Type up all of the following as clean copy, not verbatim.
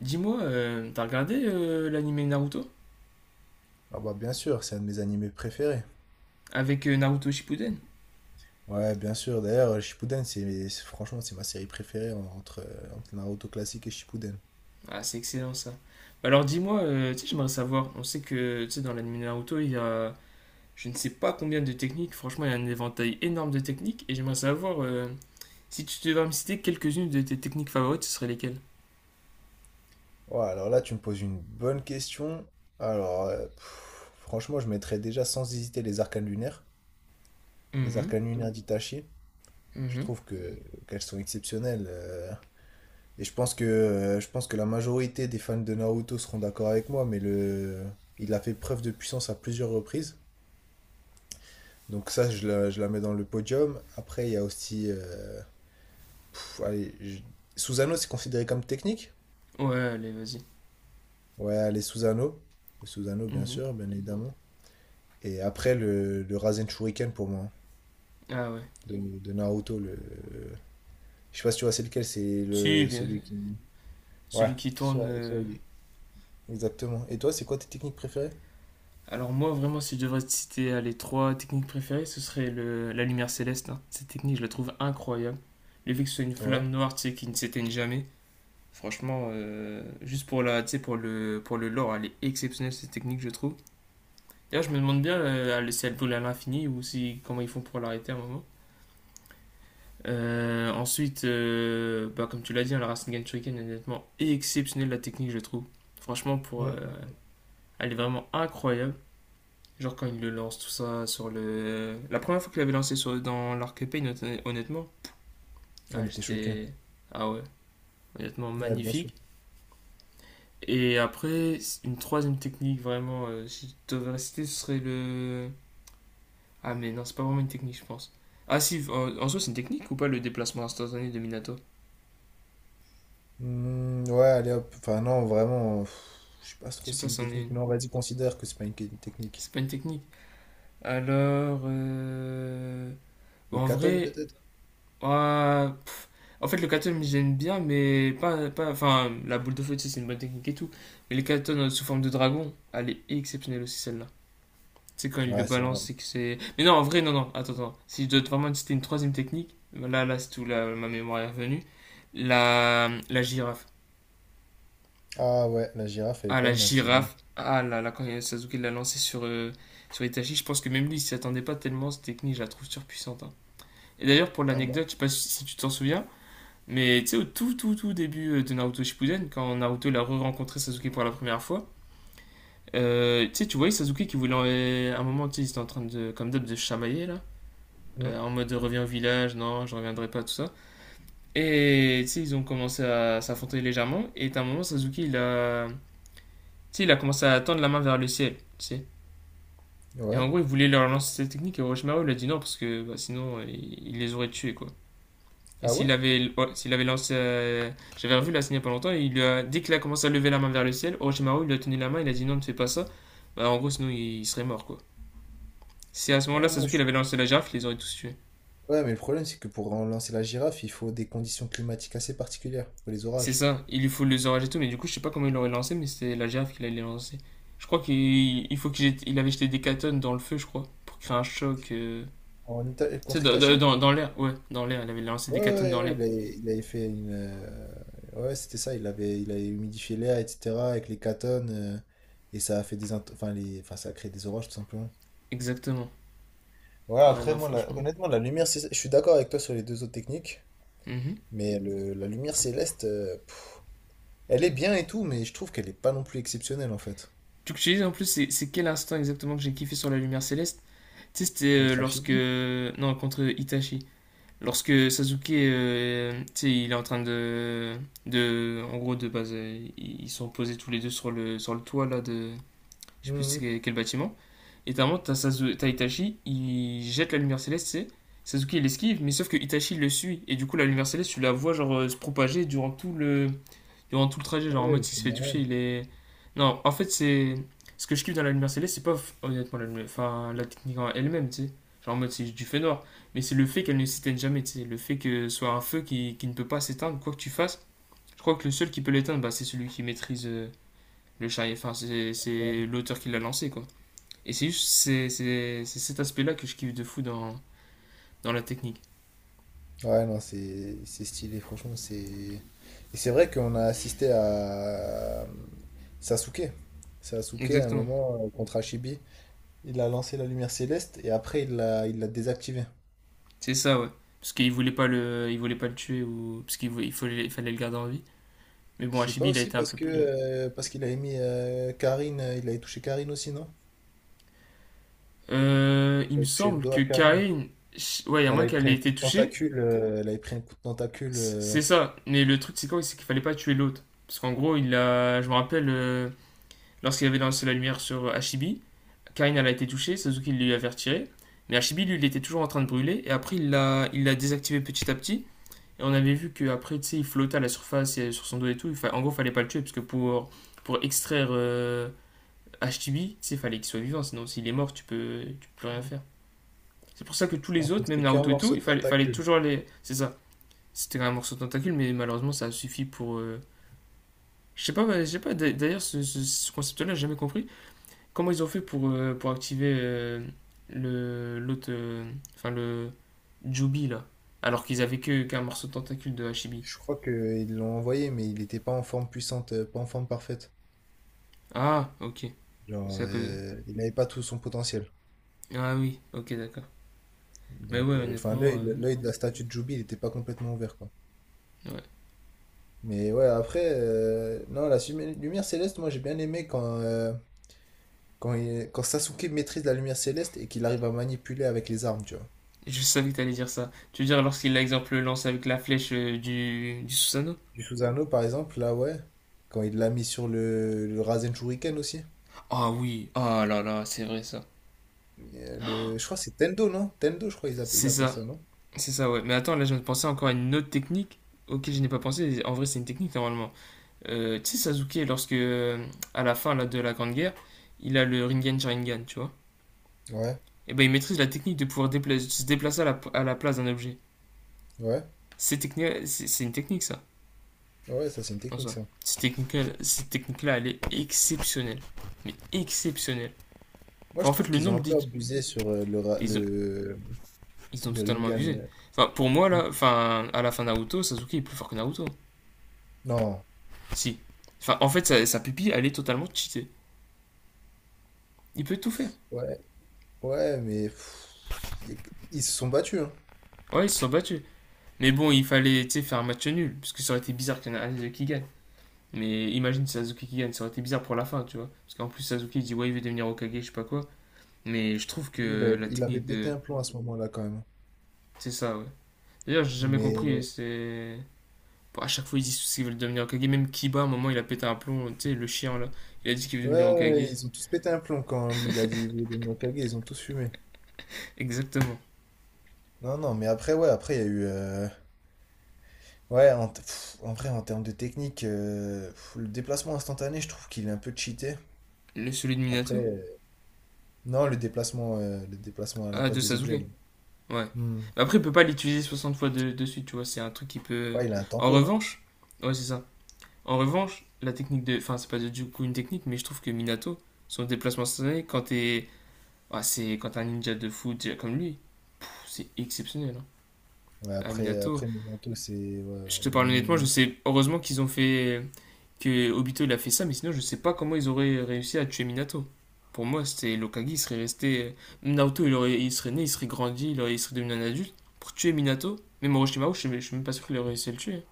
Dis-moi, t'as regardé l'anime Naruto Ah bah bien sûr, c'est un de mes animés préférés. avec Naruto Shippuden? Ouais, bien sûr. D'ailleurs, Shippuden, franchement, c'est ma série préférée entre, entre Naruto classique et Shippuden. Ah, c'est excellent ça. Bah alors dis-moi, tu sais, j'aimerais savoir. On sait que tu sais, dans l'anime Naruto, il y a je ne sais pas combien de techniques. Franchement, il y a un éventail énorme de techniques. Et j'aimerais savoir si tu devais me citer quelques-unes de tes techniques favorites, ce seraient lesquelles? Ouais, alors là, tu me poses une bonne question. Alors, pff, franchement, je mettrais déjà sans hésiter les Mhm, arcanes lunaires d'Itachi. Je mhm. trouve que qu'elles sont exceptionnelles. Et je pense que la majorité des fans de Naruto seront d'accord avec moi, mais le il a fait preuve de puissance à plusieurs reprises. Donc ça, je la mets dans le podium. Après, il y a aussi... pff, allez, je- Susano, c'est considéré comme technique? Ouais, allez, vas-y. Ouais, les Susano. Le Susano, bien Mhm. sûr, bien évidemment. Et après, le Rasen Shuriken pour moi, hein, Ah ouais. De Naruto. Le... Je sais pas si tu vois, c'est lequel, c'est Si, le, celui bien. qui... Ouais, Celui qui tourne. Celui-là, exactement. Et toi, c'est quoi tes techniques préférées? Alors moi vraiment si je devrais te citer les trois techniques préférées, ce serait la lumière céleste, hein. Cette technique je la trouve incroyable. Le fait que ce soit une Ouais. flamme noire tu sais, qui ne s'éteigne jamais, franchement juste tu sais, pour le lore, elle est exceptionnelle cette technique je trouve. D'ailleurs je me demande bien si elle brûle à l'infini ou si comment ils font pour l'arrêter à un moment. Ensuite, bah, comme tu l'as dit, hein, la Rasengan Shuriken est nettement exceptionnelle la technique je trouve. Franchement Mm, mm, mm. elle est vraiment incroyable. Genre quand il le lance tout ça sur le. La première fois qu'il avait lancé dans l'arc épée, honnêtement, On ah, était choqués. j'étais. Ah ouais, honnêtement Ouais, bien sûr. magnifique. Et après, une troisième technique vraiment, si je devais citer, ce serait le. Ah mais non, c'est pas vraiment une technique, je pense. Ah si, en soi c'est une technique ou pas le déplacement instantané de Minato? Hmm, ouais, allez hop. Enfin, non, vraiment, pff, je sais pas Je trop sais si pas c'est si une c'en est technique. une. Non, vas-y, considère que c'est pas une technique. C'est pas une technique. Alors, bon, Le en katon vrai, peut-être? ah, en fait, le katon, j'aime bien, mais pas. Enfin, la boule de feu, tu sais, c'est une bonne technique et tout. Mais le katon sous forme de dragon, elle est exceptionnelle aussi, celle-là. Tu sais, quand il le Ouais, c'est vrai. balance, c'est que c'est. Mais non, en vrai, non, non, attends, attends. Si je dois vraiment citer une troisième technique, là, là, c'est tout, là, ma mémoire est revenue. La girafe. Ah ouais, la girafe, elle est Ah, pas la mal, c'est vrai. girafe. Ah là là, quand Sasuke l'a lancé sur Itachi, je pense que même lui, il s'y attendait pas tellement. Cette technique, je la trouve surpuissante, hein. Et d'ailleurs, pour Ah bah. l'anecdote, je sais pas si tu t'en souviens. Mais tu sais, au tout, tout, tout début de Naruto Shippuden, quand Naruto il a re-rencontré Sasuke pour la première fois, tu sais, tu voyais Sasuke qui voulait à un moment, tu sais, il était en train de, comme d'hab, de chamailler là, Hmm. En mode reviens au village, non, je reviendrai pas, tout ça. Et tu sais, ils ont commencé à s'affronter légèrement, et à un moment, Sasuke il a, tu sais, il a commencé à tendre la main vers le ciel, tu sais. Et Ouais. en gros, il voulait leur lancer cette technique, et Orochimaru il a dit non, parce que bah, sinon, il les aurait tués, quoi. Et Ah ouais? s'il avait, ouais, s'il avait lancé. J'avais revu la scène il y a pas longtemps. Et il lui a, dès qu'il a commencé à lever la main vers le ciel, Orochimaru il lui a tenu la main. Il a dit non, ne fais pas ça. Bah, en gros, sinon il serait mort quoi. Si à ce moment-là, Ah, moi, Sasuke je... il avait lancé la girafe, il les aurait tous tués. Ouais, mais le problème, c'est que pour lancer la girafe, il faut des conditions climatiques assez particulières. Il faut les C'est orages. ça. Il lui faut les orages et tout. Mais du coup, je sais pas comment il l'aurait lancé. Mais c'était la girafe qu'il allait lancer. Je crois qu'il il faut il avait jeté des catones dans le feu, je crois. Pour créer un choc. En Ita- Tu sais, Contre dans, Itachi? dans, dans- l'air. Ouais, dans l'air. Il avait lancé Ouais, des catones ouais, dans ouais, l'air. Il avait fait une. Ouais, c'était ça, il avait humidifié l'air, etc., avec les catones, et ça a fait des. Int- Enfin, les... enfin, ça a créé des orages, tout simplement. Exactement. Ouais, Ouais, après, non, moi, la- franchement. honnêtement, la lumière, cé- je suis d'accord avec toi sur les deux autres techniques, Mhm. mais le- la lumière céleste, pff, elle est bien et tout, mais je trouve qu'elle est pas non plus exceptionnelle en fait. Tu sais, en plus, c'est quel instant exactement que j'ai kiffé sur la lumière céleste? Tu sais, c'était Contre lorsque. Hachibi. Non, contre Itachi. Lorsque Sasuke, tu sais, il est en train de. De en gros, de base, ils sont posés tous les deux sur le toit, là, de. Je sais plus c'est Mhm. quel bâtiment. Et t'as un moment, t'as Itachi, il jette la lumière céleste, tu sais. Sasuke, il esquive, mais sauf que Itachi le suit. Et du coup, la lumière céleste, tu la vois, genre, se propager durant tout le trajet, Ouais, genre en ouais, mode il s'il fait se une fait toucher, arène. il est. Non, en fait, c'est. Ce que je kiffe dans la lumière céleste, c'est pas honnêtement enfin, la technique en elle-même, tu sais. Genre en mode c'est du feu noir. Mais c'est le fait qu'elle ne s'éteigne jamais, tu sais. Le fait que ce soit un feu qui ne peut pas s'éteindre, quoi que tu fasses. Je crois que le seul qui peut l'éteindre, bah, c'est celui qui maîtrise le chariot. Enfin, c'est Ouais, c'est l'auteur qui l'a lancé, quoi. Et c'est juste c'est cet aspect-là que je kiffe de fou dans la technique. ouais, non, c'est stylé, franchement, c'est. Et c'est vrai qu'on a assisté à Sasuke. Sasuke, à un Exactement. moment, contre Hachibi, il a lancé la lumière céleste et après, il l'a désactivée. C'est ça, ouais. Parce qu'il voulait pas le tuer ou parce qu'il fallait le garder en vie. Mais bon, C'est pas Hachibi, il a aussi été un parce peu que plus. Parce qu'il avait mis Karine, il avait touché Karine aussi, non? Il Il me avait touché le semble dos que à Karine. Karin. Ouais, il y a Elle moins avait qu'elle pris ait un coup été de touchée. tentacule, elle avait pris un coup de tentacule, C'est ça. Mais le truc, c'est quoi? C'est qu'il fallait pas tuer l'autre. Parce qu'en gros, il a. Je me rappelle, lorsqu'il avait lancé la lumière sur Hachibi, Karin, elle a été touchée, Suzuki lui avait retiré. Mais Hachibi, lui, il était toujours en train de brûler. Et après, il l'a désactivé petit à petit. Et on avait vu qu'après, tu sais, il flottait à la surface et sur son dos et tout. En gros, il fallait pas le tuer, parce que pour extraire Hachibi, tu sais, il fallait qu'il soit vivant. Sinon, s'il est mort, tu peux plus rien faire. C'est pour ça que tous les alors que autres, même c'était qu'un Naruto et tout, morceau de fallait tentacule. toujours les. C'est ça. C'était un morceau de tentacule, mais malheureusement, ça a suffi pour. Je sais pas, bah, je sais pas. D'ailleurs, ce concept-là, j'ai jamais compris. Comment ils ont fait pour activer le l'autre. Enfin, le. Jubi, là. Alors qu'ils avaient que qu'un morceau de tentacule de Hachibi. Je crois qu'ils l'ont envoyé, mais il n'était pas en forme puissante, pas en forme parfaite. Ah, ok. Genre, C'est à cause. Il n'avait pas tout son potentiel. Ah oui, ok, d'accord. Mais Donc, ouais, enfin, honnêtement. L'œil de la statue de Jubi, il n'était pas complètement ouvert, quoi. Ouais. Mais ouais, après, non, la sumi- lumière céleste, moi j'ai bien aimé quand, quand, il- quand Sasuke maîtrise la lumière céleste et qu'il arrive à manipuler avec les armes, tu vois. Je savais que t'allais dire ça. Tu veux dire lorsqu'il, par exemple, lance avec la flèche du Susanoo. Du Susanoo, par exemple, là, ouais. Quand il l'a mis sur le Rasen Shuriken aussi. Ah oui, ah là là, c'est vrai ça. Le- je crois que c'est Tendo, non? Tendo, je crois qu'ils appellent, ils C'est l'appellent ça, ça, non? c'est ça, ouais. Mais attends, là, je viens de penser encore à une autre technique auquel je n'ai pas pensé. En vrai, c'est une technique normalement. Tu sais, Sasuke, lorsque, à la fin là, de la Grande Guerre, il a le Rinnegan Sharingan, tu vois. Ouais, Et ben, il maîtrise la technique de pouvoir se déplacer à la place d'un objet. ouais, C'est une technique, ça, ouais, ça c'est une en technique, soi. ça. Cette technique-là, elle est exceptionnelle. Mais exceptionnelle. Moi, Enfin, je en fait, trouve le qu'ils ont nombre un peu d'études. abusé sur le, Ra- Ils ont, Ils ont le totalement Rinnegan. abusé. Euh. Enfin, pour moi, Hmm. là, enfin, à la fin de Naruto, Sasuke est plus fort que Naruto. Non, Si. Enfin, en fait, sa pupille, elle est totalement cheatée. Il peut tout faire. ouais, ouais, mais pff, y- ils se sont battus, hein. Ouais, ils se sont battus. Mais bon, il fallait, tu sais, faire un match nul. Parce que ça aurait été bizarre qu'il y en ait un qui gagne. Mais imagine si Sasuke qui gagne, ça aurait été bizarre pour la fin, tu vois. Parce qu'en plus, Sasuke il dit ouais, il veut devenir Hokage je sais pas quoi. Mais je trouve Lui, il que avait, la technique de. pété un plomb à ce moment-là, quand même. C'est ça, ouais. D'ailleurs, j'ai jamais compris, Mais c'est. Bon, à chaque fois, ils disent qu'ils veulent devenir Hokage. Même Kiba, à un moment, il a pété un plomb, tu sais, le chien là. Il a dit qu'il veut ouais, devenir ouais, Hokage. ils ont tous pété un plomb quand lui il a dit il voulait devenir Hokage, ils ont tous fumé. Exactement. Non, non, mais après, ouais, après, il y a eu. Ouais, t- pff, en vrai, en termes de technique, pff, le déplacement instantané, je trouve qu'il est un peu cheaté. Le Celui de Après, Minato. Non, le déplacement à la Ah, place de des Sasuke. objets, Ouais. là. Hmm. Mais après, il peut pas l'utiliser 60 fois de suite, tu vois. C'est un truc qui peut. Ouais, il a un En tempo, non? revanche, ouais, c'est ça. En revanche, la technique de. Enfin, c'est pas du coup une technique, mais je trouve que Minato, son déplacement instantané, quand t'es. Ah, c'est quand t'es un ninja de fou déjà comme lui, pff, c'est exceptionnel, hein. Ouais, Ah, après, Minato, après Minato, c'est. je te Ouais, parle honnêtement, je Min- sais. Heureusement qu'ils ont fait que Obito il a fait ça, mais sinon je sais pas comment ils auraient réussi à tuer Minato. Pour moi, c'était Lokagi, il serait resté. Naruto, il serait né, il serait grandi, il serait devenu un adulte. Pour tuer Minato, même Orochimaru, je suis même pas sûr qu'il aurait réussi à le tuer.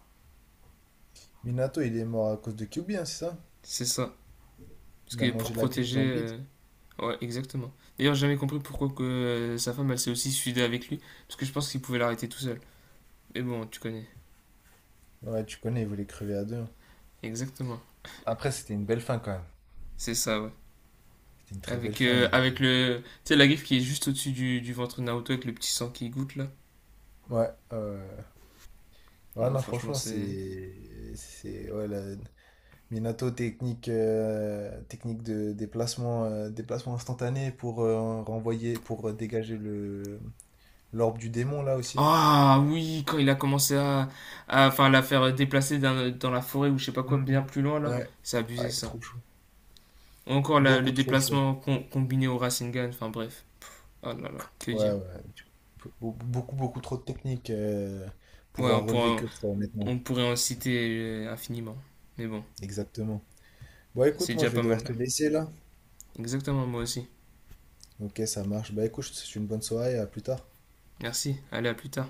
Minato, il est mort à cause de Kyuubi, hein, c'est ça? C'est ça. Parce Il a que pour mangé la griffe protéger. dans le bide. Ouais, exactement. D'ailleurs, j'ai jamais compris pourquoi que sa femme, elle s'est aussi suicidée avec lui. Parce que je pense qu'il pouvait l'arrêter tout seul. Mais bon, tu connais. Ouais, tu connais, il voulait crever à deux, hein. Exactement. Après, c'était une belle fin quand même. C'est ça, ouais. C'était une très belle Avec, fin. euh, Et- avec le. Tu sais, la griffe qui est juste au-dessus du ventre de Naruto avec le petit sang qui goutte là. Ouais, ouais, ouais. Ouais, Non, non, franchement, franchement, c'est. c'est. C'est. Ouais, la- Minato, technique, technique de déplacement, déplacement instantané pour renvoyer, pour dégager le l'orbe du démon, là aussi. Ah oui, quand il a commencé enfin, la faire déplacer dans la forêt ou je sais pas quoi, bien Mhm. plus loin là, Ouais. c'est abusé Ouais, ça. trop chaud. Ou encore le Beaucoup trop chaud. déplacement combiné au Rasengan, enfin bref. Oh là là, que Ouais, dire. ouais. Be- be- Beaucoup, beaucoup trop de technique pour Ouais, en relever que trois, honnêtement. on pourrait en citer infiniment. Mais bon, Exactement. Bon, écoute, c'est moi, déjà je vais pas mal devoir là. te laisser, là. Exactement, moi aussi. Ok, ça marche. Bah, écoute, je te souhaite une bonne soirée, à plus tard. Merci, allez, à plus tard.